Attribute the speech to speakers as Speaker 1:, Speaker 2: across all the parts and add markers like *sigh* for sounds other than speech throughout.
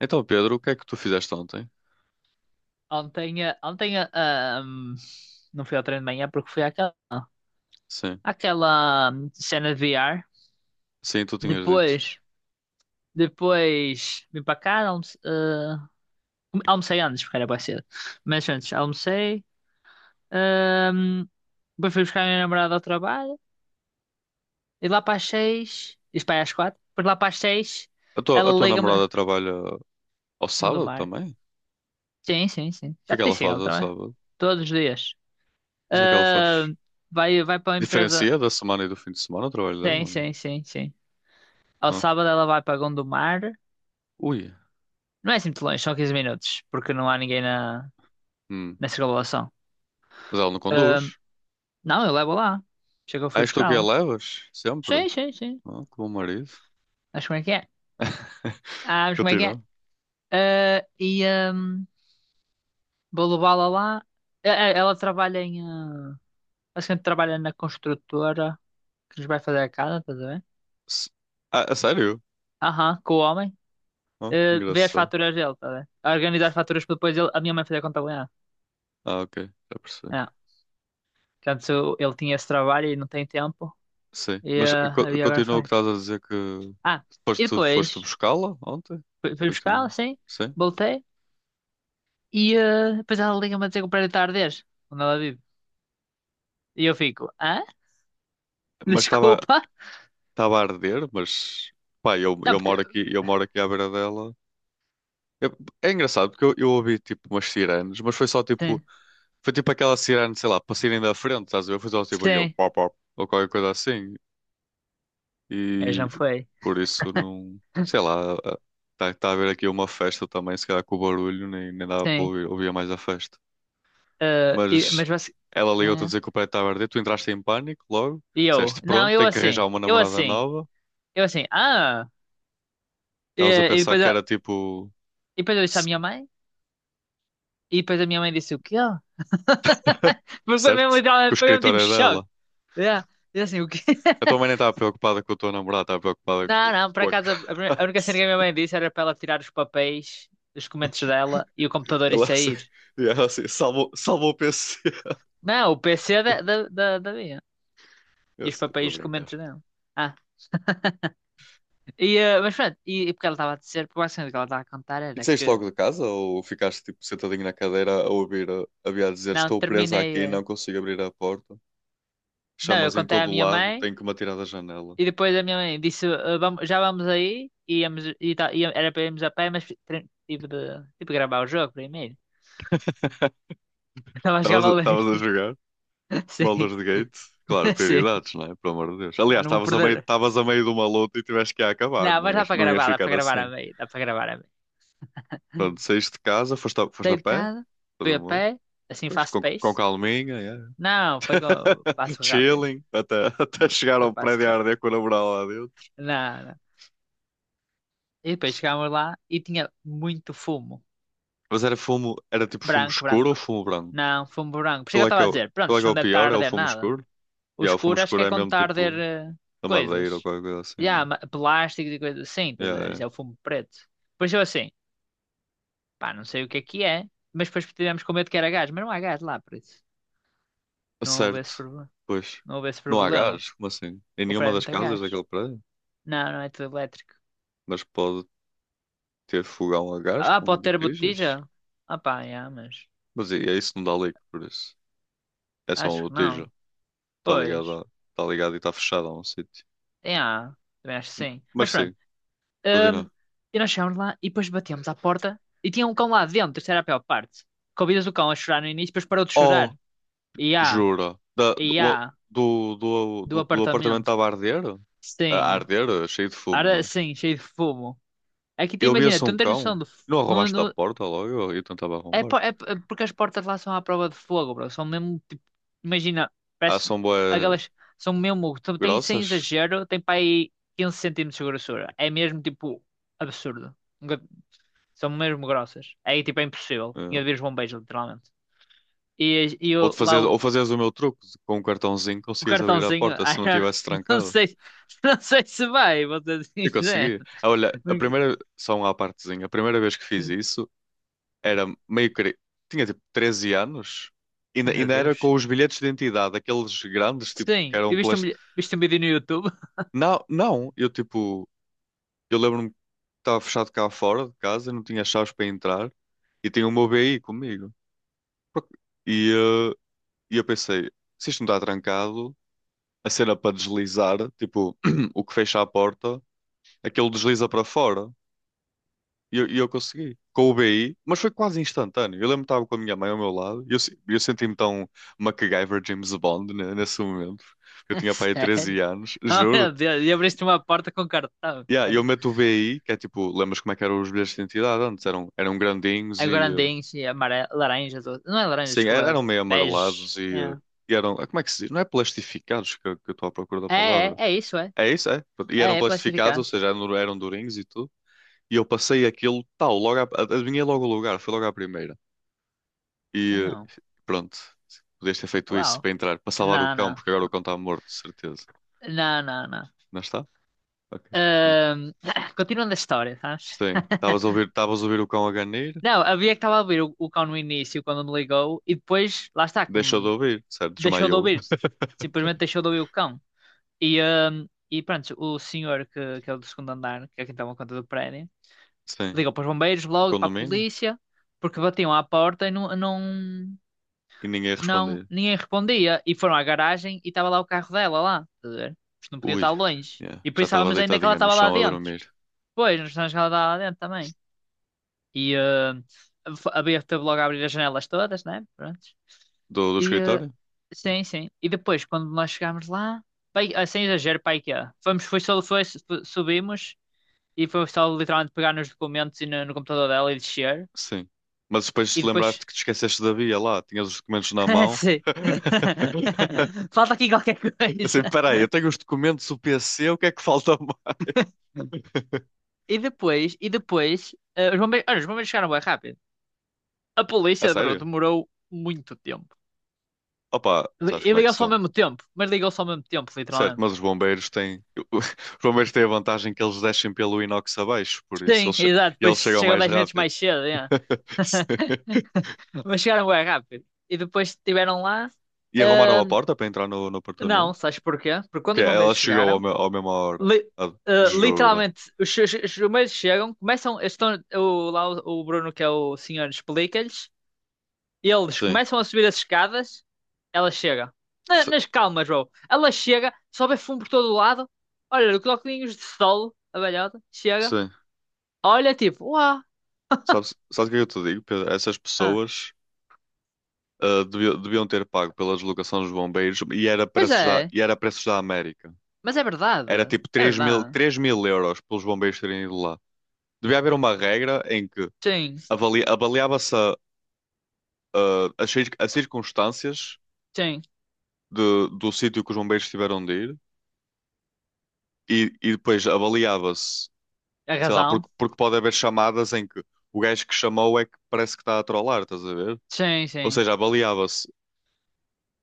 Speaker 1: Então, Pedro, o que é que tu fizeste ontem?
Speaker 2: Ontem, ontem não fui ao treino de manhã porque fui àquela,
Speaker 1: Sim,
Speaker 2: àquela hum, cena de VR.
Speaker 1: sim, tu tinhas dito.
Speaker 2: Depois, depois vim para cá, almocei antes, porque era bem cedo. Mas antes, almocei. hum, Depois fui buscar a minha namorada ao trabalho. E lá para as seis, isto para aí às quatro, depois lá para as seis,
Speaker 1: A tua,
Speaker 2: ela
Speaker 1: a tua
Speaker 2: liga-me
Speaker 1: namorada trabalha ao
Speaker 2: no do
Speaker 1: sábado
Speaker 2: mar.
Speaker 1: também? O
Speaker 2: Sim, sim, sim.
Speaker 1: que
Speaker 2: Já
Speaker 1: é que
Speaker 2: te
Speaker 1: ela
Speaker 2: disse
Speaker 1: faz
Speaker 2: ela
Speaker 1: ao
Speaker 2: também.
Speaker 1: sábado?
Speaker 2: Todos os dias.
Speaker 1: Mas o que é que ela
Speaker 2: Ah,
Speaker 1: faz?
Speaker 2: vai para a empresa.
Speaker 1: Diferencia da semana e do fim de semana o trabalho dela?
Speaker 2: Sim,
Speaker 1: Ou não?
Speaker 2: sim, sim, sim. Ao
Speaker 1: Ah.
Speaker 2: sábado ela vai para Gondomar.
Speaker 1: Ui,
Speaker 2: Não é assim muito longe, são 15 minutos, porque não há ninguém na,
Speaker 1: hum.
Speaker 2: na circunvalação.
Speaker 1: Mas ela não
Speaker 2: Ahm,
Speaker 1: conduz?
Speaker 2: não, eu levo lá. Chega, eu
Speaker 1: Ah,
Speaker 2: fui
Speaker 1: és tu que a
Speaker 2: buscá-la.
Speaker 1: levas? Sempre?
Speaker 2: Sim, sim, sim.
Speaker 1: Ah, que bom marido.
Speaker 2: Sabes como é que é?
Speaker 1: *laughs*
Speaker 2: Ah, sabes como é que é?
Speaker 1: Continua.
Speaker 2: Ah, e ahm, Vou levá-la lá. Ela trabalha em, basicamente trabalha na construtora que nos vai fazer a casa, estás a ver?
Speaker 1: S- Ah, a sério?
Speaker 2: Aham, com o homem.
Speaker 1: Ah,
Speaker 2: Eh, vê as
Speaker 1: engraçado.
Speaker 2: faturas dele, estás a ver? A organizar as faturas para depois a minha mãe fazer a contabilidade.
Speaker 1: Ah, ok, já percebi.
Speaker 2: É. Portanto, ele tinha esse trabalho e não tem tempo.
Speaker 1: Sim, mas
Speaker 2: E agora
Speaker 1: continua o que
Speaker 2: foi.
Speaker 1: estás a dizer que
Speaker 2: Ah, e
Speaker 1: foste
Speaker 2: depois
Speaker 1: buscá-la ontem?
Speaker 2: fui
Speaker 1: Foi que
Speaker 2: buscá-la,
Speaker 1: tinhas-
Speaker 2: assim,
Speaker 1: Sim,
Speaker 2: voltei, depois ela liga-me a dizer que o prédio está a arder, onde ela vive. E eu fico, hã? *laughs*
Speaker 1: mas estava
Speaker 2: Desculpa?
Speaker 1: estava a arder, mas pá, eu,
Speaker 2: Não,
Speaker 1: eu moro
Speaker 2: porque.
Speaker 1: aqui, eu moro aqui à beira dela. Eu- É engraçado porque eu ouvi tipo umas sirenes, mas foi só tipo,
Speaker 2: Sim,
Speaker 1: foi tipo aquela sirene, sei lá, para saírem da frente, estás a ver? Foi só tipo aquele
Speaker 2: sim,
Speaker 1: pop pop ou qualquer coisa assim.
Speaker 2: eu já
Speaker 1: E
Speaker 2: foi,
Speaker 1: por isso não, sei lá, está tá tá a haver aqui uma festa também, se calhar com o barulho, nem dava para
Speaker 2: sim.
Speaker 1: ouvir, ouvia mais a festa. Mas
Speaker 2: Mas você.
Speaker 1: ela
Speaker 2: É,
Speaker 1: ligou-te a
Speaker 2: é.
Speaker 1: dizer que o prédio estava a arder. Tu entraste em pânico logo.
Speaker 2: E eu,
Speaker 1: Disseste,
Speaker 2: não,
Speaker 1: pronto, tenho que arranjar uma namorada nova.
Speaker 2: eu assim, ah! E,
Speaker 1: Estavas a
Speaker 2: e
Speaker 1: pensar
Speaker 2: depois,
Speaker 1: que
Speaker 2: eu-
Speaker 1: era tipo,
Speaker 2: e depois eu disse à
Speaker 1: c-
Speaker 2: minha mãe, e depois a minha mãe disse o quê?
Speaker 1: *laughs*
Speaker 2: *laughs* Porque foi mesmo,
Speaker 1: certo? Que o
Speaker 2: Foi mesmo
Speaker 1: escritório
Speaker 2: tipo
Speaker 1: é
Speaker 2: choque.
Speaker 1: dela.
Speaker 2: É. E assim, o quê?
Speaker 1: A tua mãe nem
Speaker 2: *laughs*
Speaker 1: estava preocupada com a tua namorada, estava preocupada com,
Speaker 2: Não, não, por
Speaker 1: com a
Speaker 2: acaso a
Speaker 1: casa.
Speaker 2: a a única cena que a minha mãe disse era para ela tirar os papéis dos documentos dela e o
Speaker 1: *laughs*
Speaker 2: computador e
Speaker 1: Ela assim,
Speaker 2: sair.
Speaker 1: e ela assim salvou o PC.
Speaker 2: Não, o PC da,
Speaker 1: *laughs*
Speaker 2: da, da, da minha. E
Speaker 1: Eu
Speaker 2: os
Speaker 1: sei, estou a
Speaker 2: papéis e os
Speaker 1: brincar.
Speaker 2: documentos dela. Ah, mas pronto, e porque ela estava a dizer, porque basicamente o que ela estava a contar
Speaker 1: E
Speaker 2: era
Speaker 1: saíste
Speaker 2: que
Speaker 1: logo de casa ou ficaste tipo sentadinho na cadeira a ouvir a Bia dizer
Speaker 2: não,
Speaker 1: estou presa
Speaker 2: terminei.
Speaker 1: aqui, não consigo abrir a porta.
Speaker 2: Não, eu
Speaker 1: Chamas em
Speaker 2: contei à
Speaker 1: todo o
Speaker 2: minha
Speaker 1: lado,
Speaker 2: mãe
Speaker 1: tenho que me atirar da janela.
Speaker 2: e depois a minha mãe disse, eh, vamos, já vamos aí, e íamos, e, tal, e era para irmos a pé, mas tive de gravar o jogo primeiro. *laughs* Estava a jogar
Speaker 1: Estavas a,
Speaker 2: Valorant.
Speaker 1: estavas a
Speaker 2: *laughs*
Speaker 1: jogar
Speaker 2: Sim,
Speaker 1: Baldur's Gate? Claro,
Speaker 2: *laughs* sim.
Speaker 1: prioridades, não é? Pelo amor de Deus.
Speaker 2: Ah,
Speaker 1: Aliás,
Speaker 2: não vou
Speaker 1: estavas a meio,
Speaker 2: perder.
Speaker 1: estavas a meio de uma luta e tiveste que ir a acabar,
Speaker 2: Não,
Speaker 1: não
Speaker 2: mas
Speaker 1: ias, não ias
Speaker 2: dá para
Speaker 1: ficar
Speaker 2: gravar a
Speaker 1: assim.
Speaker 2: meio, dá para gravar a meio.
Speaker 1: Pronto, saíste de casa, foste a
Speaker 2: Saí de
Speaker 1: pé,
Speaker 2: casa,
Speaker 1: depois
Speaker 2: fui a
Speaker 1: uma,
Speaker 2: pé, assim
Speaker 1: depois
Speaker 2: fast
Speaker 1: com
Speaker 2: pace.
Speaker 1: calminha, yeah.
Speaker 2: Não, foi com
Speaker 1: *laughs*
Speaker 2: passo rápido.
Speaker 1: Chilling, até
Speaker 2: Não,
Speaker 1: chegar
Speaker 2: foi
Speaker 1: ao
Speaker 2: passo
Speaker 1: prédio a
Speaker 2: rápido.
Speaker 1: arder com a namorada lá dentro.
Speaker 2: Não, não. E depois chegámos lá e tinha muito fumo.
Speaker 1: Mas era fumo, era tipo fumo
Speaker 2: Branco,
Speaker 1: escuro ou
Speaker 2: branco.
Speaker 1: fumo branco?
Speaker 2: Não, fumo branco. Por isso é que eu
Speaker 1: Qual é que
Speaker 2: estava
Speaker 1: é
Speaker 2: a
Speaker 1: o,
Speaker 2: dizer, pronto,
Speaker 1: qual é
Speaker 2: isto
Speaker 1: que é
Speaker 2: não
Speaker 1: o
Speaker 2: deve estar a
Speaker 1: pior? É o
Speaker 2: arder
Speaker 1: fumo
Speaker 2: nada.
Speaker 1: escuro?
Speaker 2: O
Speaker 1: Yeah, o fumo
Speaker 2: escuro acho que
Speaker 1: escuro
Speaker 2: é
Speaker 1: é
Speaker 2: quando
Speaker 1: mesmo
Speaker 2: está a arder
Speaker 1: tipo da madeira ou
Speaker 2: coisas.
Speaker 1: qualquer coisa assim,
Speaker 2: E há
Speaker 1: não?
Speaker 2: plásticos e coisas assim,
Speaker 1: É?
Speaker 2: estás a
Speaker 1: Yeah,
Speaker 2: ver?
Speaker 1: yeah.
Speaker 2: Isso é o fumo preto. Depois eu assim, pá, não sei o que é, mas depois tivemos com medo que era gás, mas não há gás lá, por isso não houvesse,
Speaker 1: Certo,
Speaker 2: proble-
Speaker 1: pois.
Speaker 2: não houvesse
Speaker 1: Não há
Speaker 2: problema.
Speaker 1: gás? Como assim? Em
Speaker 2: O
Speaker 1: nenhuma
Speaker 2: prédio não
Speaker 1: das
Speaker 2: tem
Speaker 1: casas
Speaker 2: gás.
Speaker 1: daquele prédio?
Speaker 2: Não, não é tudo elétrico.
Speaker 1: Mas pode ter fogão a gás
Speaker 2: Ah,
Speaker 1: com
Speaker 2: pode ter
Speaker 1: botijas?
Speaker 2: botija? Ah pá, yeah, mas
Speaker 1: Mas é isso, não dá leak por isso. É só uma
Speaker 2: acho que não.
Speaker 1: botija.
Speaker 2: Pois,
Speaker 1: Está ligada e está fechada a um sítio.
Speaker 2: yeah, também acho que sim.
Speaker 1: Mas
Speaker 2: Mas
Speaker 1: sim,
Speaker 2: pronto, hum,
Speaker 1: continua.
Speaker 2: e nós chegámos lá e depois batemos à porta e tinha um cão lá dentro, isso era a pior parte. Convidas o cão a chorar no início, depois parou de
Speaker 1: Oh,
Speaker 2: chorar. E há,
Speaker 1: jura? Da,
Speaker 2: e
Speaker 1: do,
Speaker 2: há,
Speaker 1: do, do,
Speaker 2: do
Speaker 1: do, do apartamento
Speaker 2: apartamento.
Speaker 1: estava a arder? A
Speaker 2: Sim,
Speaker 1: arder, cheio de fumo,
Speaker 2: era
Speaker 1: não é?
Speaker 2: sim, cheio de fumo. É que tu
Speaker 1: Eu
Speaker 2: imagina,
Speaker 1: via-se
Speaker 2: tu
Speaker 1: um
Speaker 2: não tens noção
Speaker 1: cão.
Speaker 2: do,
Speaker 1: Não
Speaker 2: não,
Speaker 1: arrombaste da
Speaker 2: não.
Speaker 1: porta logo? Eu tentava
Speaker 2: É,
Speaker 1: arrombar.
Speaker 2: porque as portas lá são à prova de fogo, bro. São mesmo, tipo, imagina,
Speaker 1: Ah,
Speaker 2: parece,
Speaker 1: são bué
Speaker 2: aquelas, são mesmo, tem sem
Speaker 1: grossas?
Speaker 2: exagero, tem para aí 15 centímetros de grossura. É mesmo, tipo, absurdo. Nunca- São mesmo grossas. É, tipo, é impossível.
Speaker 1: Ah,
Speaker 2: Tinha de vir os bombeiros, literalmente. E, e
Speaker 1: ou de
Speaker 2: eu,
Speaker 1: fazer,
Speaker 2: lá
Speaker 1: ou
Speaker 2: o,
Speaker 1: fazeres o meu truque, com um cartãozinho
Speaker 2: o
Speaker 1: conseguias abrir a
Speaker 2: cartãozinho, *laughs*
Speaker 1: porta se
Speaker 2: I
Speaker 1: não
Speaker 2: don't-
Speaker 1: tivesse
Speaker 2: não
Speaker 1: trancado.
Speaker 2: sei, não sei se vai, vou ser
Speaker 1: Eu
Speaker 2: sincero.
Speaker 1: conseguia. Ah, olha, a
Speaker 2: Porque-
Speaker 1: primeira, só uma à partezinha, a primeira vez que fiz
Speaker 2: Sim.
Speaker 1: isso era meio que tinha tipo 13 anos,
Speaker 2: Oh,
Speaker 1: ainda,
Speaker 2: meu
Speaker 1: ainda era
Speaker 2: Deus.
Speaker 1: com os bilhetes de identidade, aqueles grandes, tipo, que
Speaker 2: Sim, eu
Speaker 1: eram
Speaker 2: viste um,
Speaker 1: plástico.
Speaker 2: vi- viste um vídeo no YouTube.
Speaker 1: Não, não, eu tipo, eu lembro-me que estava fechado cá fora de casa, não tinha chaves para entrar e tinha o meu BI comigo. Por- E, eh, e eu pensei, se isto não está trancado, a cena para deslizar, tipo, *clears throat* o que fecha a porta, aquilo desliza para fora. E eu consegui. Com o BI, mas foi quase instantâneo. Eu lembro que estava com a minha mãe ao meu lado e eu, se- eu senti-me tão MacGyver James Bond né, nesse momento. Eu
Speaker 2: *laughs*
Speaker 1: tinha para aí 13
Speaker 2: Sério?
Speaker 1: anos,
Speaker 2: Oh, meu
Speaker 1: juro-te.
Speaker 2: Deus, e abriste uma porta com cartão.
Speaker 1: Yeah, e
Speaker 2: É.
Speaker 1: eu meto o BI, que é tipo, lembras como é que eram os bilhetes de identidade antes? Eram grandinhos
Speaker 2: Agora
Speaker 1: e
Speaker 2: andente, amarelo, laranja, azul. Não é laranja,
Speaker 1: sim,
Speaker 2: desculpa,
Speaker 1: eram meio
Speaker 2: bege.
Speaker 1: amarelados e, e eram, ah, como é que se diz? Não é plastificados que eu estou à procura da
Speaker 2: É,
Speaker 1: palavra.
Speaker 2: É isso, é.
Speaker 1: É isso, é. E eram
Speaker 2: É, é,
Speaker 1: plastificados, ou
Speaker 2: plastificantes.
Speaker 1: seja, eram durinhos e tudo. E eu passei aquilo, tal, adivinhei logo o lugar, foi logo à primeira. E
Speaker 2: Não,
Speaker 1: pronto, podias ter feito isso
Speaker 2: uau.
Speaker 1: para entrar, para salvar o
Speaker 2: Não,
Speaker 1: cão, porque agora o cão está morto, de certeza.
Speaker 2: não.
Speaker 1: Não está? Ok. Não.
Speaker 2: Ahm, *coughs* *clears throat* Continuando a história, sabes?
Speaker 1: Sim, estavas a ouvir,
Speaker 2: *laughs*
Speaker 1: estavas a ouvir o cão a ganir,
Speaker 2: Não, havia que estava a ouvir o cão no início, quando me ligou, e depois, lá está,
Speaker 1: deixou de
Speaker 2: como
Speaker 1: ouvir, certo?
Speaker 2: deixou de
Speaker 1: Desmaiou.
Speaker 2: ouvir. Simplesmente
Speaker 1: *laughs*
Speaker 2: deixou de ouvir o cão. E pronto, o senhor que é o do segundo andar, que é quem toma conta do prédio,
Speaker 1: Sim,
Speaker 2: ligam para os bombeiros,
Speaker 1: o
Speaker 2: logo para a
Speaker 1: condomínio,
Speaker 2: polícia, porque batiam à porta e
Speaker 1: e ninguém
Speaker 2: não,
Speaker 1: respondia.
Speaker 2: ninguém respondia. E foram à garagem e estava lá o carro dela lá, estás a ver? Isto não podia
Speaker 1: Ui,
Speaker 2: estar longe.
Speaker 1: yeah,
Speaker 2: E
Speaker 1: já estava
Speaker 2: pensávamos ainda que ela
Speaker 1: deitadinha no
Speaker 2: estava lá
Speaker 1: chão a
Speaker 2: dentro.
Speaker 1: dormir.
Speaker 2: Pois, nós pensávamos que ela estava lá dentro também. E eh, Abrir, teve logo a abrir as janelas todas, né? Pronto.
Speaker 1: Do
Speaker 2: E eh,
Speaker 1: escritório?
Speaker 2: sim, sim. E depois, quando nós chegámos lá, pai, ah, sem exagero, pai que é. Fomos, foi só, foi, Subimos e foi só literalmente pegar nos documentos e no computador dela e descer.
Speaker 1: Sim. Mas depois
Speaker 2: E
Speaker 1: te
Speaker 2: depois.
Speaker 1: lembraste que te esqueceste da via lá, tinhas os documentos na
Speaker 2: *laughs*
Speaker 1: mão.
Speaker 2: Sim.
Speaker 1: *laughs*
Speaker 2: *laughs* Falta aqui qualquer coisa.
Speaker 1: Assim, peraí, eu tenho os documentos do PC, o que é que falta *laughs* mais?
Speaker 2: E depois, e depois, os bombeiros, olha, os bombeiros chegaram bem rápido. A
Speaker 1: A
Speaker 2: polícia, bro,
Speaker 1: sério?
Speaker 2: demorou muito tempo.
Speaker 1: Opa, sabes
Speaker 2: E
Speaker 1: como é que
Speaker 2: ligou-se ao
Speaker 1: são?
Speaker 2: mesmo tempo, mas ligou-se ao mesmo tempo,
Speaker 1: Certo,
Speaker 2: literalmente.
Speaker 1: mas os bombeiros têm. *laughs* Os bombeiros têm a vantagem que eles descem pelo inox abaixo, por isso
Speaker 2: Sim,
Speaker 1: eles, che-
Speaker 2: exato,
Speaker 1: e
Speaker 2: depois
Speaker 1: eles chegam
Speaker 2: chegam
Speaker 1: mais
Speaker 2: 10 minutos
Speaker 1: rápido.
Speaker 2: mais cedo, yeah.
Speaker 1: *laughs* Sim.
Speaker 2: *laughs* Mas chegaram bem rápido. E depois estiveram lá.
Speaker 1: E arrumaram a
Speaker 2: ahm,
Speaker 1: porta para entrar no
Speaker 2: não,
Speaker 1: apartamento?
Speaker 2: sabes porquê? Porque quando
Speaker 1: Que
Speaker 2: os
Speaker 1: é,
Speaker 2: bombeiros
Speaker 1: ela chegou
Speaker 2: chegaram,
Speaker 1: à mesma hora.
Speaker 2: li-
Speaker 1: Ah, jura.
Speaker 2: literalmente, os chumeiros chegam, começam, eles estão, o Bruno, que é o senhor, explica-lhes, eles
Speaker 1: Sim.
Speaker 2: começam a subir as escadas, ela chega. Na-
Speaker 1: S-
Speaker 2: nas calmas, bro. Ela chega, sobe fumo por todo o lado, olha, os óculos de sol, a velhota, chega,
Speaker 1: Sim.
Speaker 2: olha, tipo, uau,
Speaker 1: Sabes o que é que eu te digo, Pedro? Essas
Speaker 2: ah,
Speaker 1: pessoas deviam ter pago pela deslocação dos bombeiros e era
Speaker 2: pois
Speaker 1: preços da,
Speaker 2: é,
Speaker 1: e era preços da América.
Speaker 2: mas é
Speaker 1: Era
Speaker 2: verdade,
Speaker 1: tipo
Speaker 2: é
Speaker 1: três mil,
Speaker 2: verdade.
Speaker 1: 3.000 euros pelos bombeiros terem ido lá. Devia haver uma regra em que
Speaker 2: Sim,
Speaker 1: avaliava-se as circunstâncias
Speaker 2: sim,
Speaker 1: do sítio que os bombeiros tiveram de ir e depois avaliava-se,
Speaker 2: é
Speaker 1: sei lá,
Speaker 2: razão,
Speaker 1: porque, pode haver chamadas em que o gajo que chamou é que parece que está a trollar, estás a ver?
Speaker 2: sim,
Speaker 1: Ou
Speaker 2: sim,
Speaker 1: seja, avaliava-se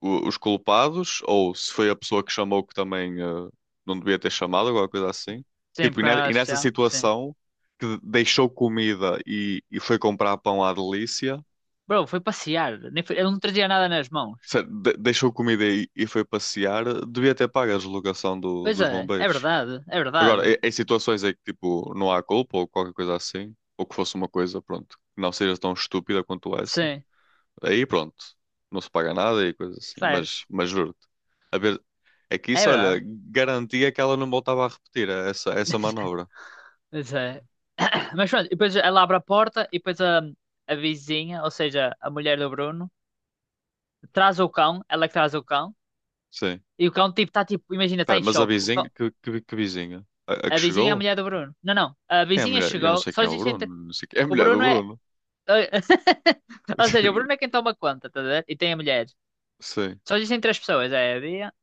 Speaker 1: os culpados, ou se foi a pessoa que chamou que também não devia ter chamado, alguma coisa assim.
Speaker 2: sim,
Speaker 1: Tipo, e,
Speaker 2: porque não
Speaker 1: ne-
Speaker 2: era
Speaker 1: e nessa
Speaker 2: especial, sim.
Speaker 1: situação que deixou comida e, foi comprar pão à delícia,
Speaker 2: Bro, foi passear, nem foi, eu não trazia nada nas mãos.
Speaker 1: deixou comida e foi passear, devia ter pago a deslocação
Speaker 2: Pois
Speaker 1: dos
Speaker 2: é, é
Speaker 1: bombeiros.
Speaker 2: verdade, é
Speaker 1: Agora,
Speaker 2: verdade.
Speaker 1: em situações em que tipo, não há culpa ou qualquer coisa assim, ou que fosse uma coisa, pronto, que não seja tão estúpida quanto essa,
Speaker 2: Sim,
Speaker 1: aí pronto, não se paga nada e coisas assim, mas,
Speaker 2: certo.
Speaker 1: mas juro-te. A ver, é que
Speaker 2: É
Speaker 1: isso,
Speaker 2: verdade.
Speaker 1: olha, garantia que ela não voltava a repetir essa
Speaker 2: *laughs*
Speaker 1: manobra.
Speaker 2: Mas é. Mas pronto, e depois ela abre a porta e depois a vizinha, ou seja, a mulher do Bruno, traz o cão, ela é que traz o cão,
Speaker 1: Sim.
Speaker 2: e o cão tipo está tipo, imagina, está
Speaker 1: Espera,
Speaker 2: em
Speaker 1: mas a
Speaker 2: choque. O
Speaker 1: vizinha,
Speaker 2: cão-
Speaker 1: que vizinha? A que
Speaker 2: a vizinha é a
Speaker 1: chegou?
Speaker 2: mulher do Bruno. Não, não. A
Speaker 1: Quem é a
Speaker 2: vizinha
Speaker 1: mulher? Eu não
Speaker 2: chegou,
Speaker 1: sei
Speaker 2: só
Speaker 1: quem é o
Speaker 2: existe entre.
Speaker 1: Bruno, não sei quem é a
Speaker 2: O
Speaker 1: mulher do
Speaker 2: Bruno é.
Speaker 1: Bruno.
Speaker 2: *laughs* Ou seja, o Bruno é
Speaker 1: *laughs*
Speaker 2: quem toma conta, tá a ver? E tem a mulher.
Speaker 1: Sim,
Speaker 2: Só existem três pessoas, é a Bia,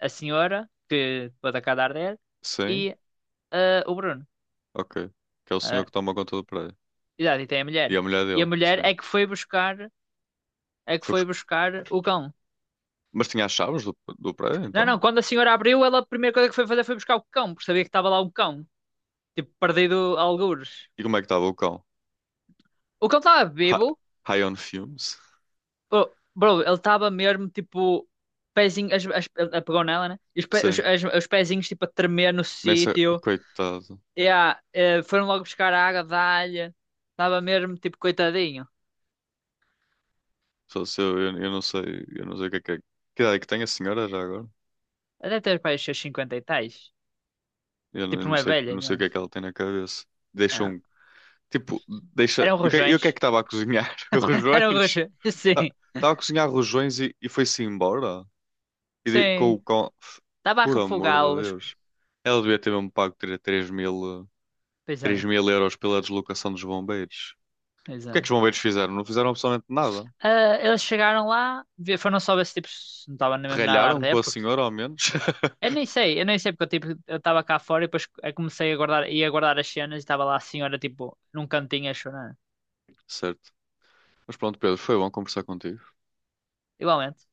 Speaker 2: a senhora, que pode acabar dele,
Speaker 1: sim,
Speaker 2: e o Bruno.
Speaker 1: ok. Que é o senhor
Speaker 2: eh,
Speaker 1: que toma conta do prédio.
Speaker 2: Exato, e tem a
Speaker 1: E
Speaker 2: mulher.
Speaker 1: a mulher
Speaker 2: E a
Speaker 1: dele,
Speaker 2: mulher
Speaker 1: sim.
Speaker 2: é que foi buscar, é que
Speaker 1: Foi
Speaker 2: foi
Speaker 1: busc-
Speaker 2: buscar o cão.
Speaker 1: Mas tinha as chaves do prédio,
Speaker 2: Não,
Speaker 1: então?
Speaker 2: não, quando a senhora abriu, ela a primeira coisa que foi fazer foi buscar o cão, porque sabia que estava lá um cão, tipo, perdido a algures.
Speaker 1: E como é que estava o cão?
Speaker 2: O cão estava
Speaker 1: Hi-
Speaker 2: vivo,
Speaker 1: High on fumes?
Speaker 2: bro, bro, ele estava mesmo tipo, pezinho, ele pegou nela, né? E os, pe- os,
Speaker 1: Sim.
Speaker 2: as- os pezinhos tipo a tremer no
Speaker 1: Nessa,
Speaker 2: sítio.
Speaker 1: coitado.
Speaker 2: Foram logo buscar a água da alha. Estava mesmo tipo, coitadinho.
Speaker 1: Só se eu não sei, eu não sei o que é que é. Que idade é que tem a senhora já agora?
Speaker 2: Até ter para os seus 50 e tais.
Speaker 1: Não eu
Speaker 2: Tipo,
Speaker 1: não
Speaker 2: não é
Speaker 1: sei,
Speaker 2: velha,
Speaker 1: não sei o
Speaker 2: não.
Speaker 1: que é que ela tem na cabeça. Deixa
Speaker 2: Ah.
Speaker 1: um, tipo, deixa.
Speaker 2: Eram
Speaker 1: E o que é que
Speaker 2: rojões.
Speaker 1: estava a cozinhar? *laughs*
Speaker 2: Era um
Speaker 1: Rojões?
Speaker 2: roxo. *laughs* Sim,
Speaker 1: Estava a cozinhar rojões e, foi-se embora? E com, o
Speaker 2: sim.
Speaker 1: com,
Speaker 2: Estava a
Speaker 1: por amor de
Speaker 2: refogá-los.
Speaker 1: Deus. Ela devia ter mesmo pago 3 mil,
Speaker 2: Pois
Speaker 1: 3
Speaker 2: é,
Speaker 1: mil euros pela deslocação dos bombeiros.
Speaker 2: pois
Speaker 1: O que é que
Speaker 2: é.
Speaker 1: os bombeiros fizeram? Não fizeram absolutamente nada.
Speaker 2: Ah, eles chegaram lá, foram só ver se tipo, se não estava nem mesmo nada a
Speaker 1: Ralharam com
Speaker 2: arder,
Speaker 1: a
Speaker 2: porque
Speaker 1: senhora, ao menos. *laughs*
Speaker 2: eu nem sei porque eu tipo, eu estava cá fora e depois eu comecei a guardar, ia guardar as cenas e estava lá a senhora tipo num cantinho a chorar.
Speaker 1: Certo. Mas pronto, Pedro, foi bom conversar contigo.
Speaker 2: Igualmente.